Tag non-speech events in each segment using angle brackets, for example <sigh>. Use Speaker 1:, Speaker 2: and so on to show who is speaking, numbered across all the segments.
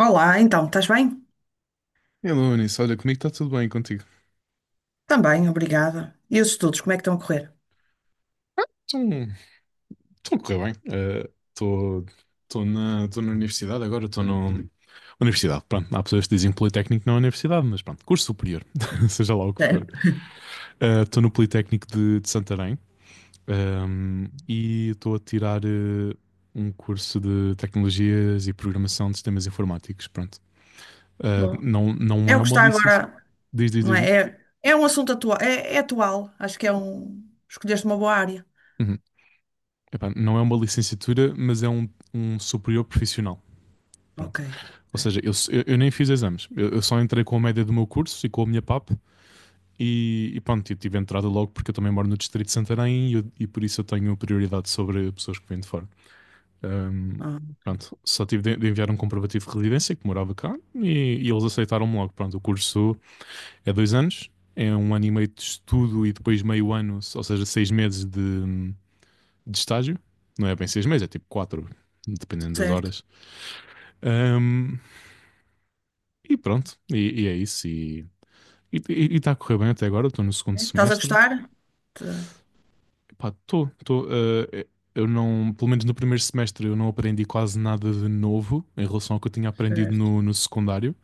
Speaker 1: Olá, então, estás bem?
Speaker 2: Hello, Anísio. Olha, comigo está tudo bem, contigo?
Speaker 1: Também, obrigada. E os estudos, como é que estão a correr?
Speaker 2: Estou estou a correr bem. Estou estou na universidade agora, estou na universidade. Pronto, há pessoas que dizem Politécnico não é universidade, mas pronto, curso superior, <laughs> seja lá o que
Speaker 1: É,
Speaker 2: for. Estou no Politécnico de Santarém, e estou a tirar um curso de Tecnologias e Programação de Sistemas Informáticos. Pronto. Eh,
Speaker 1: boa.
Speaker 2: não
Speaker 1: É
Speaker 2: é
Speaker 1: o que
Speaker 2: uma
Speaker 1: está
Speaker 2: licença.
Speaker 1: agora,
Speaker 2: Diz, diz,
Speaker 1: não
Speaker 2: diz, diz.
Speaker 1: é? É, é um assunto atual, é atual, acho que é um. Escolheste uma boa área.
Speaker 2: Uhum. Epá, não é uma licenciatura, mas é um superior profissional. Pronto.
Speaker 1: Ok.
Speaker 2: Ou
Speaker 1: É.
Speaker 2: seja, eu nem fiz exames. Eu só entrei com a média do meu curso e com a minha PAP e pronto, eu tive entrada logo porque eu também moro no Distrito de Santarém e, e por isso eu tenho prioridade sobre pessoas que vêm de fora. Ahm,
Speaker 1: Ah, ok.
Speaker 2: pronto, só tive de enviar um comprovativo de residência que morava cá e eles aceitaram-me logo. Pronto, o curso é dois anos, é um ano e meio de estudo e depois meio ano, ou seja, seis meses de estágio. Não é bem seis meses, é tipo quatro, dependendo das
Speaker 1: Certo.
Speaker 2: horas. Ahm, e pronto, e é isso. E está a correr bem até agora, estou no segundo
Speaker 1: É, estás a
Speaker 2: semestre.
Speaker 1: gostar? Tá.
Speaker 2: Pá, estou, estou. Eh, eu não, Pelo menos no primeiro semestre, eu não aprendi quase nada de novo em relação ao que eu tinha aprendido
Speaker 1: Certo.
Speaker 2: no secundário.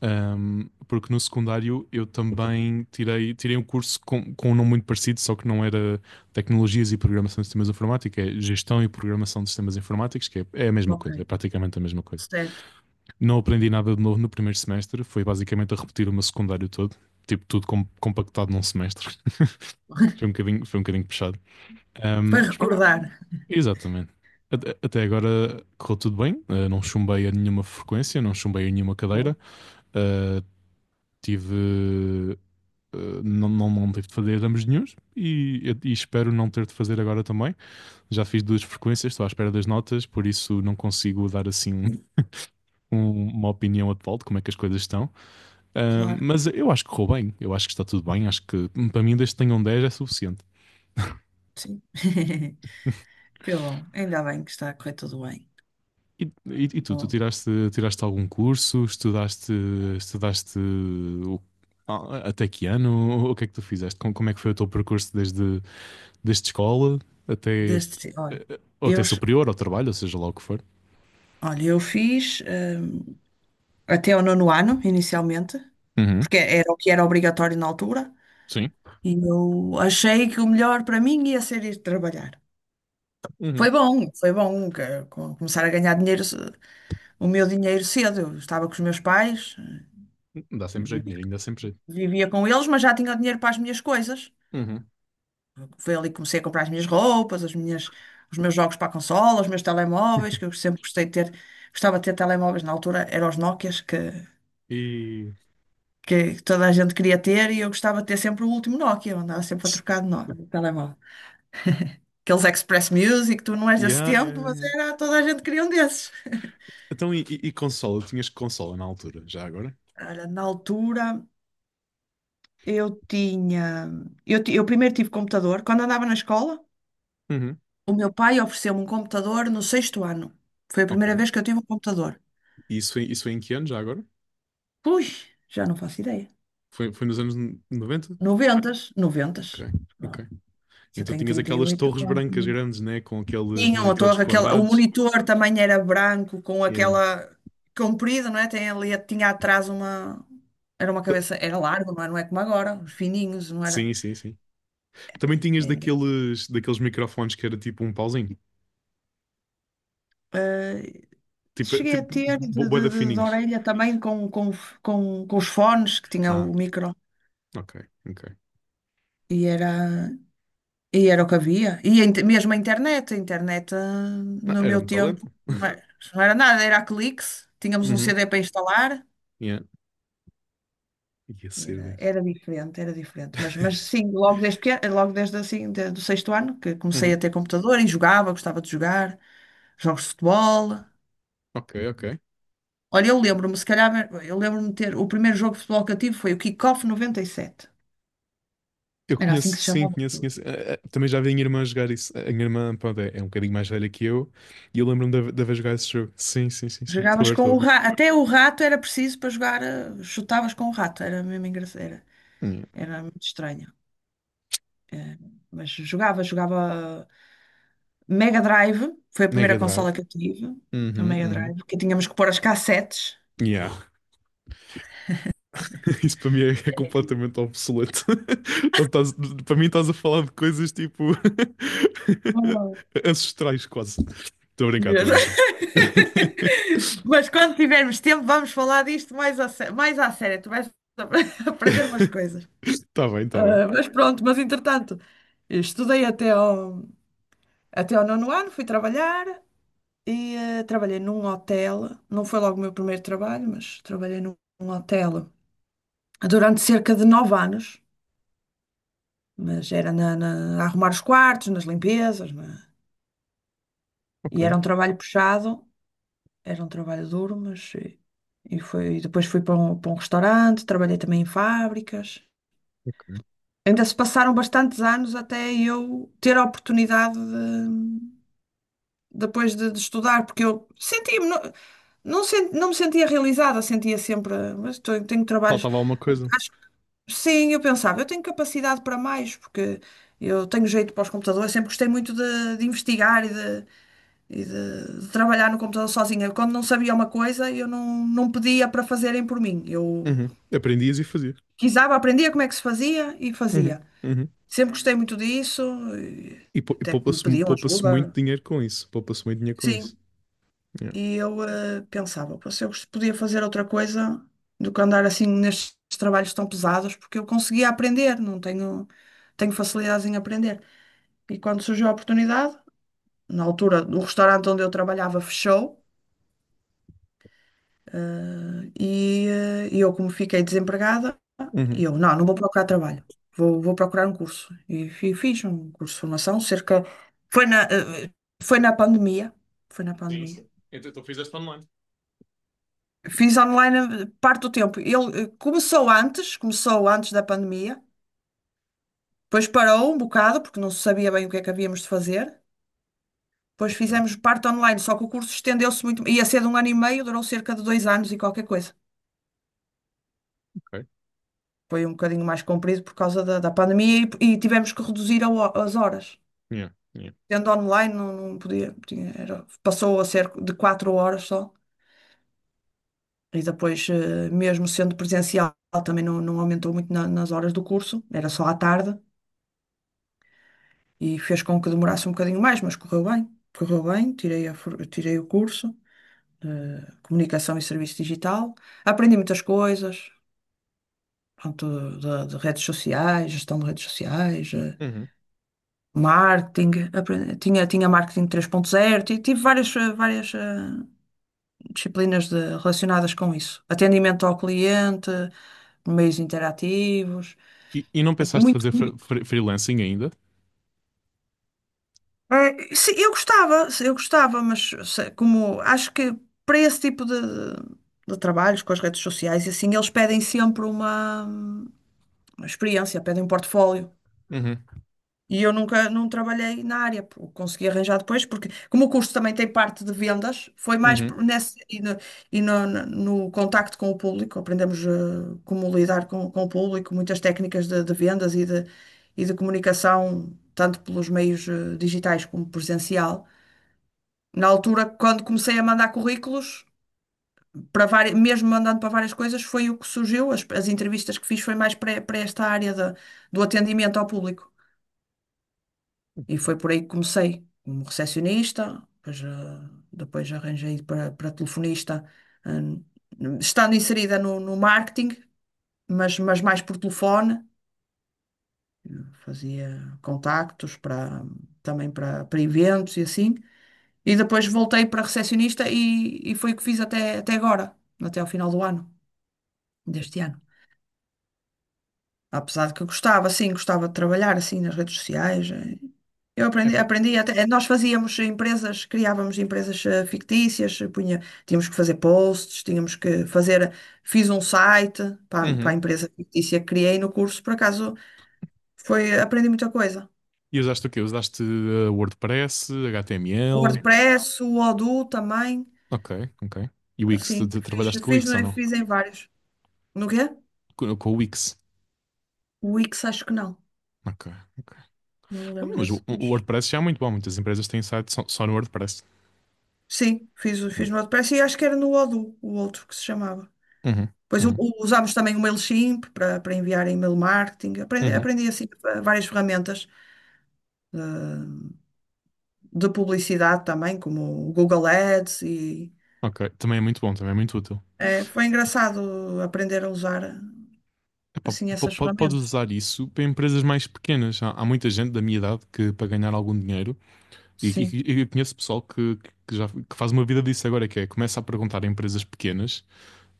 Speaker 2: Porque no secundário eu também tirei um curso com um nome muito parecido, só que não era Tecnologias e Programação de Sistemas Informáticos, é Gestão e Programação de Sistemas Informáticos, é a mesma
Speaker 1: Ok.
Speaker 2: coisa, é praticamente a mesma coisa.
Speaker 1: Certo.
Speaker 2: Não aprendi nada de novo no primeiro semestre, foi basicamente a repetir o meu secundário todo, tipo tudo compactado num semestre.
Speaker 1: <laughs>
Speaker 2: Foi um bocadinho puxado.
Speaker 1: Para
Speaker 2: Mas pronto,
Speaker 1: recordar.
Speaker 2: exatamente. Até agora correu tudo bem. Ah, não chumbei a nenhuma frequência, não chumbei a nenhuma
Speaker 1: Bom,
Speaker 2: cadeira. Ah, tive. Ah, não tive de fazer exames nenhuns e espero não ter de fazer agora também. Já fiz duas frequências, estou à espera das notas, por isso não consigo dar assim uma opinião atual de como é que as coisas estão. Ah,
Speaker 1: claro,
Speaker 2: mas eu acho que correu bem, eu acho que está tudo bem. Acho que para mim, desde que tenham 10 é suficiente.
Speaker 1: sim. <laughs> Que bom, ainda bem que está a correr tudo bem.
Speaker 2: E tu, tu
Speaker 1: Bom,
Speaker 2: tiraste, tiraste algum curso? Estudaste, estudaste o- até que ano? O que é que tu fizeste? Como, como é que foi o teu percurso desde escola até,
Speaker 1: olha,
Speaker 2: ou
Speaker 1: eu,
Speaker 2: até superior, ao trabalho, ou seja lá o que for?
Speaker 1: eu fiz. Até ao nono ano, inicialmente,
Speaker 2: Uhum.
Speaker 1: porque era o que era obrigatório na altura,
Speaker 2: Sim.
Speaker 1: e eu achei que o melhor para mim ia ser ir trabalhar.
Speaker 2: Uhum.
Speaker 1: Foi bom começar a ganhar dinheiro, o meu dinheiro cedo. Eu estava com os meus pais,
Speaker 2: Dá
Speaker 1: eu
Speaker 2: sempre jeito, dinheirinho, dá sempre jeito.
Speaker 1: vivia com eles, mas já tinha o dinheiro para as minhas coisas.
Speaker 2: Uhum.
Speaker 1: Foi ali que comecei a comprar as minhas roupas, os meus jogos para a consola, os meus telemóveis, que eu sempre gostei de ter. Gostava de ter telemóveis na altura, eram os Nokias que
Speaker 2: E.
Speaker 1: que toda a gente queria ter, e eu gostava de ter sempre o último Nokia, eu andava sempre a trocar de Nokia, de telemóvel. Aqueles Express Music, tu não és desse
Speaker 2: Yeah, yeah,
Speaker 1: tempo,
Speaker 2: yeah,
Speaker 1: mas
Speaker 2: yeah.
Speaker 1: era, toda a gente queria um desses.
Speaker 2: Então, e consola? Tinhas consola na altura, já agora?
Speaker 1: Olha, na altura eu tinha, eu, ti- eu primeiro tive computador, quando andava na escola,
Speaker 2: Uhum.
Speaker 1: o meu pai ofereceu-me um computador no sexto ano. Foi a
Speaker 2: Ok.
Speaker 1: primeira vez que eu tive um computador.
Speaker 2: Isso foi em que ano, já agora?
Speaker 1: Ui, já não faço ideia.
Speaker 2: Foi, foi nos anos noventa.
Speaker 1: Noventas,
Speaker 2: Ok,
Speaker 1: noventas. Bom,
Speaker 2: ok.
Speaker 1: já
Speaker 2: Então
Speaker 1: tenho
Speaker 2: tinhas aquelas
Speaker 1: 38.
Speaker 2: torres brancas grandes, né? Com aqueles
Speaker 1: Tinham a
Speaker 2: monitores
Speaker 1: torre, aquela, o
Speaker 2: quadrados.
Speaker 1: monitor também era branco, com
Speaker 2: Yeah.
Speaker 1: aquela comprida, não é? Tem ali, tinha atrás uma. Era uma
Speaker 2: T-
Speaker 1: cabeça, era largo, não é? Não é como agora, os fininhos, não era?
Speaker 2: Sim, sim, sim. Também
Speaker 1: É,
Speaker 2: tinhas
Speaker 1: ainda.
Speaker 2: daqueles microfones que era tipo um pauzinho.
Speaker 1: Eh,
Speaker 2: Tipo,
Speaker 1: Cheguei a
Speaker 2: tipo
Speaker 1: ter de,
Speaker 2: bo-
Speaker 1: de,
Speaker 2: bué da
Speaker 1: de- de
Speaker 2: fininhos.
Speaker 1: orelha também, com os fones que tinha
Speaker 2: Ah,
Speaker 1: o micro,
Speaker 2: ok, ok.
Speaker 1: e era, e era o que havia. E mesmo a internet,
Speaker 2: Não,
Speaker 1: no
Speaker 2: era
Speaker 1: meu
Speaker 2: muito
Speaker 1: tempo
Speaker 2: talento.
Speaker 1: não era, não era nada, era a cliques, tínhamos um
Speaker 2: Uhum,
Speaker 1: CD para instalar.
Speaker 2: yeah. E a
Speaker 1: Era,
Speaker 2: CDs.
Speaker 1: era diferente, era diferente. Mas sim, logo desde, pequeno, logo desde assim, de- do sexto ano, que comecei a
Speaker 2: Uhum,
Speaker 1: ter computador e jogava, gostava de jogar jogos de futebol.
Speaker 2: ok, ok.
Speaker 1: Olha, se calhar, eu lembro-me de ter, o primeiro jogo de futebol que eu tive foi o Kickoff 97.
Speaker 2: Eu
Speaker 1: Era assim
Speaker 2: conheço,
Speaker 1: que se
Speaker 2: sim,
Speaker 1: chamava.
Speaker 2: conheço, conheço. Eh, eh, também já vi a minha irmã jogar isso. A minha irmã, pronto, é um bocadinho mais velha que eu. E eu lembro-me de haver jogado esse jogo. Sim, sim, sim, sim. Estou a
Speaker 1: Jogavas
Speaker 2: ver,
Speaker 1: com
Speaker 2: estou a
Speaker 1: o
Speaker 2: ver.
Speaker 1: rato, até o rato era preciso para jogar, chutavas com o rato, era mesmo engraçado, era,
Speaker 2: Yeah.
Speaker 1: era muito estranho. Eh, Mas jogava, jogava. Mega Drive, foi a
Speaker 2: Mega
Speaker 1: primeira
Speaker 2: Drive.
Speaker 1: consola que eu tive, a
Speaker 2: Uhum,
Speaker 1: Mega
Speaker 2: uhum.
Speaker 1: Drive, que tínhamos que pôr as cassetes.
Speaker 2: Yeah. <laughs> Isso para mim é
Speaker 1: Era incrível.
Speaker 2: completamente
Speaker 1: <laughs>
Speaker 2: obsoleto. <laughs> Tá- tás- Para mim estás a falar de coisas tipo
Speaker 1: Oh,
Speaker 2: <laughs> ancestrais quase. Estou a brincar,
Speaker 1: meu
Speaker 2: estou
Speaker 1: Deus.
Speaker 2: a brincar. <laughs>
Speaker 1: <laughs> Mas quando tivermos tempo, vamos falar disto mais mais à sério. Tu vais <laughs> aprender umas coisas.
Speaker 2: Está bem, está bem.
Speaker 1: Ah, mas pronto, mas entretanto, estudei até ao nono ano, fui trabalhar e trabalhei num hotel. Não foi logo o meu primeiro trabalho, mas trabalhei num hotel durante cerca de 9 anos. Mas era a arrumar os quartos, nas limpezas
Speaker 2: Ok,
Speaker 1: e era um trabalho puxado, era um trabalho duro, mas e foi, e depois fui para um restaurante, trabalhei também em fábricas.
Speaker 2: ok.
Speaker 1: Ainda se passaram bastantes anos até eu ter a oportunidade de, depois de estudar, porque eu sentia-me, não me sentia realizada, sentia sempre, mas tenho, trabalhos.
Speaker 2: Faltava alguma coisa.
Speaker 1: Acho que sim, eu pensava, eu tenho capacidade para mais, porque eu tenho jeito para os computadores, sempre gostei muito de investigar e de trabalhar no computador sozinha. Quando não sabia uma coisa, eu não pedia para fazerem por mim. Eu
Speaker 2: Uhum. Aprendias e fazias.
Speaker 1: aprendia como é que se fazia e
Speaker 2: Uhum,
Speaker 1: fazia.
Speaker 2: uhum.
Speaker 1: Sempre gostei muito disso, e
Speaker 2: E, pou- e
Speaker 1: até me
Speaker 2: poupa-se
Speaker 1: pediam
Speaker 2: poupa-se muito
Speaker 1: ajuda.
Speaker 2: dinheiro com isso. Poupa-se muito dinheiro com
Speaker 1: Sim,
Speaker 2: isso. Yeah.
Speaker 1: e eu pensava, "Pô, se eu gost- podia fazer outra coisa do que andar assim nestes trabalhos tão pesados, porque eu conseguia aprender, não tenho, tenho facilidades em aprender. E quando surgiu a oportunidade, na altura, o restaurante onde eu trabalhava fechou, e eu, como fiquei desempregada,
Speaker 2: Uhum.
Speaker 1: e eu, não vou procurar trabalho, vou procurar um curso. E fiz um curso de formação, cerca. Foi na, eh, eh, foi na pandemia. Foi na
Speaker 2: Sim,
Speaker 1: pandemia.
Speaker 2: sim. Então tu fizeste online.
Speaker 1: Fiz online parte do tempo. Ele começou antes, da pandemia, depois parou um bocado, porque não se sabia bem o que é que havíamos de fazer. Depois
Speaker 2: Ok,
Speaker 1: fizemos parte online, só que o curso estendeu-se muito. Ia ser de um ano e meio, durou cerca de 2 anos e qualquer coisa.
Speaker 2: ok.
Speaker 1: Foi um bocadinho mais comprido por causa da pandemia, e tivemos que reduzir as horas.
Speaker 2: Yeah, yeah.
Speaker 1: Sendo online, não podia, passou a ser de 4 horas só. E depois, mesmo sendo presencial, também não aumentou muito nas horas do curso, era só à tarde, e fez com que demorasse um bocadinho mais, mas correu bem. Correu bem, tirei o curso, Comunicação e Serviço Digital. Aprendi muitas coisas, pronto, de redes sociais, gestão de redes sociais,
Speaker 2: Uhum.
Speaker 1: marketing, tinha marketing 3.0 tive várias disciplinas relacionadas com isso. Atendimento ao cliente, meios interativos,
Speaker 2: E não pensaste
Speaker 1: muito.
Speaker 2: fazer
Speaker 1: muito-
Speaker 2: freelancing ainda?
Speaker 1: é, sim, eu gostava, mas como acho que para esse tipo de trabalhos com as redes sociais, e assim, eles pedem sempre uma experiência, pedem um portfólio. E eu nunca não trabalhei na área, pô, consegui arranjar depois, porque como o curso também tem parte de vendas, foi mais
Speaker 2: Uhum.
Speaker 1: nesse no contacto com o público, aprendemos como lidar com o público, muitas técnicas de vendas e de comunicação, tanto pelos meios digitais como presencial. Na altura, quando comecei a mandar currículos, para várias, mesmo mandando para várias coisas, foi o que surgiu, as entrevistas que fiz foi mais para, esta área do atendimento ao público. E foi por aí que comecei, como recepcionista, depois, depois arranjei para telefonista, ah, estando inserida no marketing, mas mais por telefone. Eu fazia contactos também para eventos e assim. E depois voltei para recepcionista e foi o que fiz até agora, até ao final do ano, deste ano. Apesar de que eu gostava, sim, gostava de trabalhar assim nas redes sociais. Eu aprendi,
Speaker 2: Epá.
Speaker 1: aprendi até, nós fazíamos empresas, criávamos empresas fictícias, punha, tínhamos que fazer posts, tínhamos que fazer, eh, fiz um site para a
Speaker 2: Uhum.
Speaker 1: empresa fictícia que criei no curso, por acaso aprendi muita coisa.
Speaker 2: E usaste o quê? Usaste WordPress,
Speaker 1: O
Speaker 2: HTML.
Speaker 1: WordPress, o Odoo também,
Speaker 2: Ok, ok. E Wix,
Speaker 1: assim,
Speaker 2: tu
Speaker 1: fiz,
Speaker 2: trabalhaste com o
Speaker 1: fiz,
Speaker 2: Wix ou
Speaker 1: no-
Speaker 2: não?
Speaker 1: fiz em vários. No quê?
Speaker 2: Com o Wix.
Speaker 1: O Wix acho que não,
Speaker 2: Ok, ok.
Speaker 1: não me
Speaker 2: Então,
Speaker 1: lembro
Speaker 2: mas
Speaker 1: desse,
Speaker 2: o
Speaker 1: mas
Speaker 2: WordPress já é muito bom. Muitas empresas têm site só, só no WordPress.
Speaker 1: sim, fiz, o-
Speaker 2: Uhum,
Speaker 1: fiz no WordPress e acho que era no Odoo, o outro que se chamava. Pois u-
Speaker 2: uhum,
Speaker 1: u- usámos também o MailChimp para enviar e-mail marketing. Aprendi,
Speaker 2: uhum.
Speaker 1: aprendi assim várias ferramentas de publicidade também, como o Google Ads e
Speaker 2: Ok, também é muito bom, também é muito útil.
Speaker 1: foi engraçado aprender a usar
Speaker 2: Epá,
Speaker 1: assim essas
Speaker 2: podes
Speaker 1: ferramentas.
Speaker 2: usar isso para empresas mais pequenas. Há, há muita gente da minha idade que, para ganhar algum dinheiro,
Speaker 1: Sim,
Speaker 2: e eu conheço pessoal que faz uma vida disso agora, que é começa a perguntar a empresas pequenas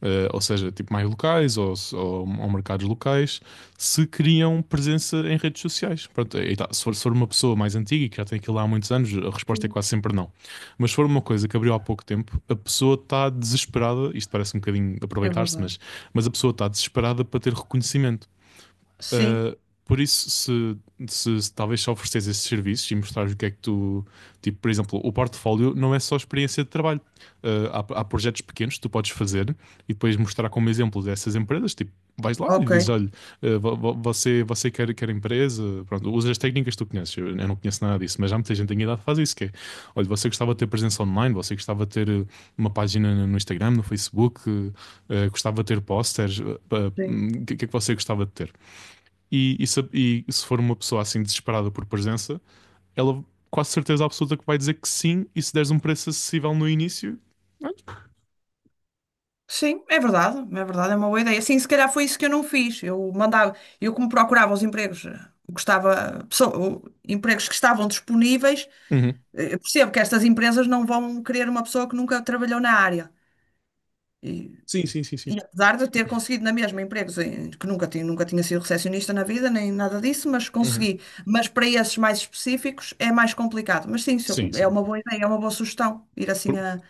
Speaker 2: ou seja, tipo mais locais ou, ou mercados locais, se criam presença em redes sociais. Pronto, aí tá. Se for uma pessoa mais antiga e que já tem aquilo há muitos anos, a resposta é
Speaker 1: sim.
Speaker 2: quase sempre não. Mas se for uma coisa que abriu há pouco tempo, a pessoa está desesperada, isto parece um bocadinho
Speaker 1: É
Speaker 2: aproveitar-se,
Speaker 1: verdade.
Speaker 2: mas a pessoa está desesperada para ter reconhecimento.
Speaker 1: Sim,
Speaker 2: Uh, por isso, se talvez só ofereces esses serviços e mostrares o que é que tu. Tipo, por exemplo, o portfólio não é só experiência de trabalho. Há, há projetos pequenos que tu podes fazer e depois mostrar como exemplo dessas empresas. Tipo, vais lá e
Speaker 1: ok.
Speaker 2: dizes: olha, você quer, quer empresa, pronto, usa as técnicas que tu conheces. Eu não conheço nada disso, mas já muita gente tem idade que faz isso: que é, olha, você gostava de ter presença online, você gostava de ter uma página no Instagram, no Facebook, gostava de ter posters, o
Speaker 1: Sim.
Speaker 2: que é que você gostava de ter? E se for uma pessoa assim desesperada por presença, ela quase certeza absoluta que vai dizer que sim, e se deres um preço acessível no início,
Speaker 1: Sim, é verdade, é verdade, é uma boa ideia. Sim, se calhar foi isso que eu não fiz. Eu como procurava os empregos, empregos que estavam disponíveis.
Speaker 2: uhum.
Speaker 1: Eu percebo que estas empresas não vão querer uma pessoa que nunca trabalhou na área. E,
Speaker 2: Sim, sim, sim, sim.
Speaker 1: e apesar de eu ter conseguido na mesma empregos que nunca tinha sido recepcionista na vida, nem nada disso, mas
Speaker 2: Uhum.
Speaker 1: consegui. Mas para esses mais específicos é mais complicado. Mas sim, se eu-
Speaker 2: Sim,
Speaker 1: é
Speaker 2: sim.
Speaker 1: uma boa ideia, é uma boa sugestão ir assim
Speaker 2: Por-
Speaker 1: a,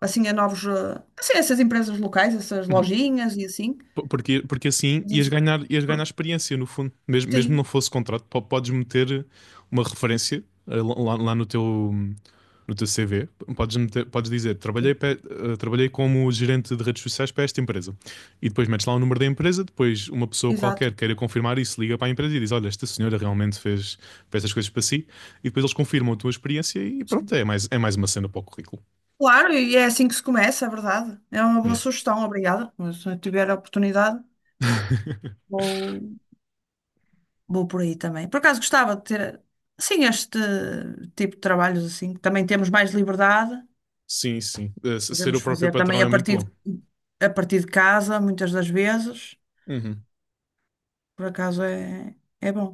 Speaker 1: assim a a essas empresas locais, essas
Speaker 2: uhum.
Speaker 1: lojinhas e assim.
Speaker 2: Porque, porque assim
Speaker 1: Diz-
Speaker 2: ias ganhar experiência, no fundo. Mesmo, mesmo não
Speaker 1: Sim,
Speaker 2: fosse contrato, podes meter uma referência eh, lá, lá no teu, no teu CV. Podes dizer,
Speaker 1: sim,
Speaker 2: trabalhei, trabalhei como gerente de redes sociais para esta empresa. E depois metes lá o número da empresa, depois uma pessoa
Speaker 1: exato.
Speaker 2: qualquer queira confirmar isso, liga para a empresa e diz, olha, esta senhora realmente fez, fez estas coisas para si. E depois eles confirmam a tua experiência e
Speaker 1: Sim.
Speaker 2: pronto, é mais uma cena para o currículo.
Speaker 1: Claro, e é assim que se começa, é verdade. É uma boa
Speaker 2: Yeah.
Speaker 1: sugestão, obrigada. Mas se eu tiver a oportunidade.
Speaker 2: <laughs>
Speaker 1: Vou, Vou, por aí também. Por acaso gostava de ter, sim, este tipo de trabalhos assim, que também temos mais liberdade,
Speaker 2: Sim, sim. Eh, ser o
Speaker 1: podemos
Speaker 2: próprio
Speaker 1: fazer também
Speaker 2: patrão
Speaker 1: a
Speaker 2: é muito
Speaker 1: partir
Speaker 2: bom.
Speaker 1: de, a partir de casa, muitas das vezes.
Speaker 2: Uhum.
Speaker 1: Por acaso é bom,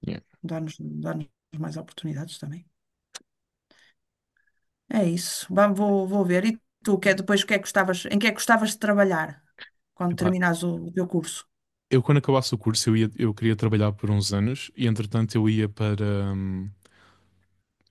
Speaker 2: Yeah.
Speaker 1: dá-nos mais oportunidades também. É isso, vou ver. E tu, que é depois o que é que gostavas, em que é que gostavas de trabalhar quando
Speaker 2: Epá,
Speaker 1: terminares o teu curso?
Speaker 2: eu quando acabasse o curso eu ia, eu queria trabalhar por uns anos e entretanto eu ia para hum,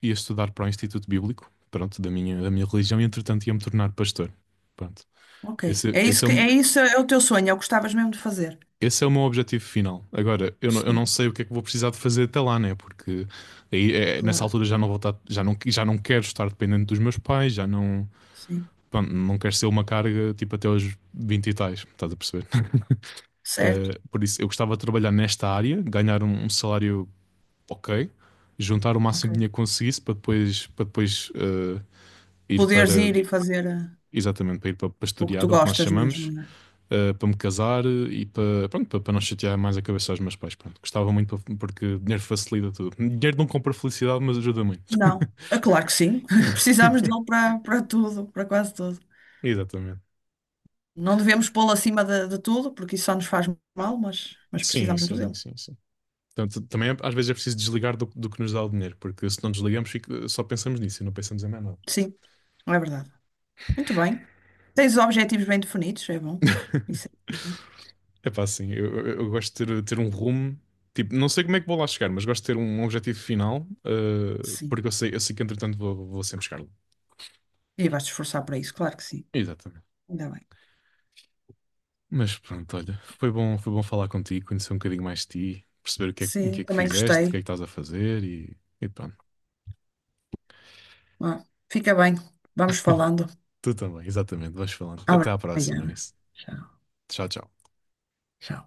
Speaker 2: ia estudar para o Instituto Bíblico, pronto, da da minha religião e entretanto ia me tornar pastor. Pronto.
Speaker 1: Ok,
Speaker 2: Esse, esse é o,
Speaker 1: isso é o teu sonho, é o que gostavas mesmo de fazer.
Speaker 2: esse é o meu objetivo final. Agora, eu não
Speaker 1: Sim,
Speaker 2: sei o que é que vou precisar de fazer até lá, né? Porque aí, é, nessa
Speaker 1: claro,
Speaker 2: altura já não vou estar, já não quero estar dependente dos meus pais, já não,
Speaker 1: sim,
Speaker 2: pronto, não quero ser uma carga tipo até aos 20 e tais, estás a perceber? <laughs>
Speaker 1: certo,
Speaker 2: Eh, por isso, eu gostava de trabalhar nesta área, ganhar um salário ok, juntar o máximo de
Speaker 1: ok.
Speaker 2: dinheiro que conseguisse para depois eh, ir
Speaker 1: Poderes
Speaker 2: para,
Speaker 1: ir e fazer
Speaker 2: exatamente, para ir para, para
Speaker 1: o que tu
Speaker 2: estudar, é o que nós
Speaker 1: gostas mesmo,
Speaker 2: chamamos,
Speaker 1: não é?
Speaker 2: eh, para me casar e para, pronto, para, para não chatear mais a cabeça aos meus pais. Pronto, gostava muito porque dinheiro facilita tudo. Dinheiro não compra felicidade, mas ajuda muito.
Speaker 1: Não. É claro que sim. <laughs> Precisamos dele para, tudo, para quase tudo.
Speaker 2: Exatamente.
Speaker 1: Não devemos pô-lo acima de tudo, porque isso só nos faz mal, mas
Speaker 2: Sim,
Speaker 1: precisamos muito
Speaker 2: sim,
Speaker 1: dele.
Speaker 2: sim, sim. Portanto, também é, às vezes é preciso desligar do, do que nos dá o dinheiro, porque se não desligamos, só pensamos nisso e não pensamos em mais nada.
Speaker 1: Sim, é verdade. Muito bem. Tens os objetivos bem definidos, é bom. Isso é importante.
Speaker 2: É pá, assim, eu gosto de ter, ter um rumo. Tipo, não sei como é que vou lá chegar, mas gosto de ter um objetivo final, eh,
Speaker 1: Sim.
Speaker 2: porque eu sei que entretanto vou, vou sempre chegar lá.
Speaker 1: E vais-te esforçar para isso, claro que sim.
Speaker 2: Exatamente.
Speaker 1: Ainda bem.
Speaker 2: Mas pronto, olha, foi bom falar contigo, conhecer um bocadinho mais de ti, perceber o que é, o que
Speaker 1: Sim,
Speaker 2: é que
Speaker 1: também
Speaker 2: fizeste, o
Speaker 1: gostei.
Speaker 2: que é que estás a fazer e pronto.
Speaker 1: Ah, fica bem. Vamos falando.
Speaker 2: Tu também, exatamente, vais falando. Até à próxima
Speaker 1: Obrigada.
Speaker 2: nisso.
Speaker 1: Tchau.
Speaker 2: Tchau, tchau.
Speaker 1: Tchau.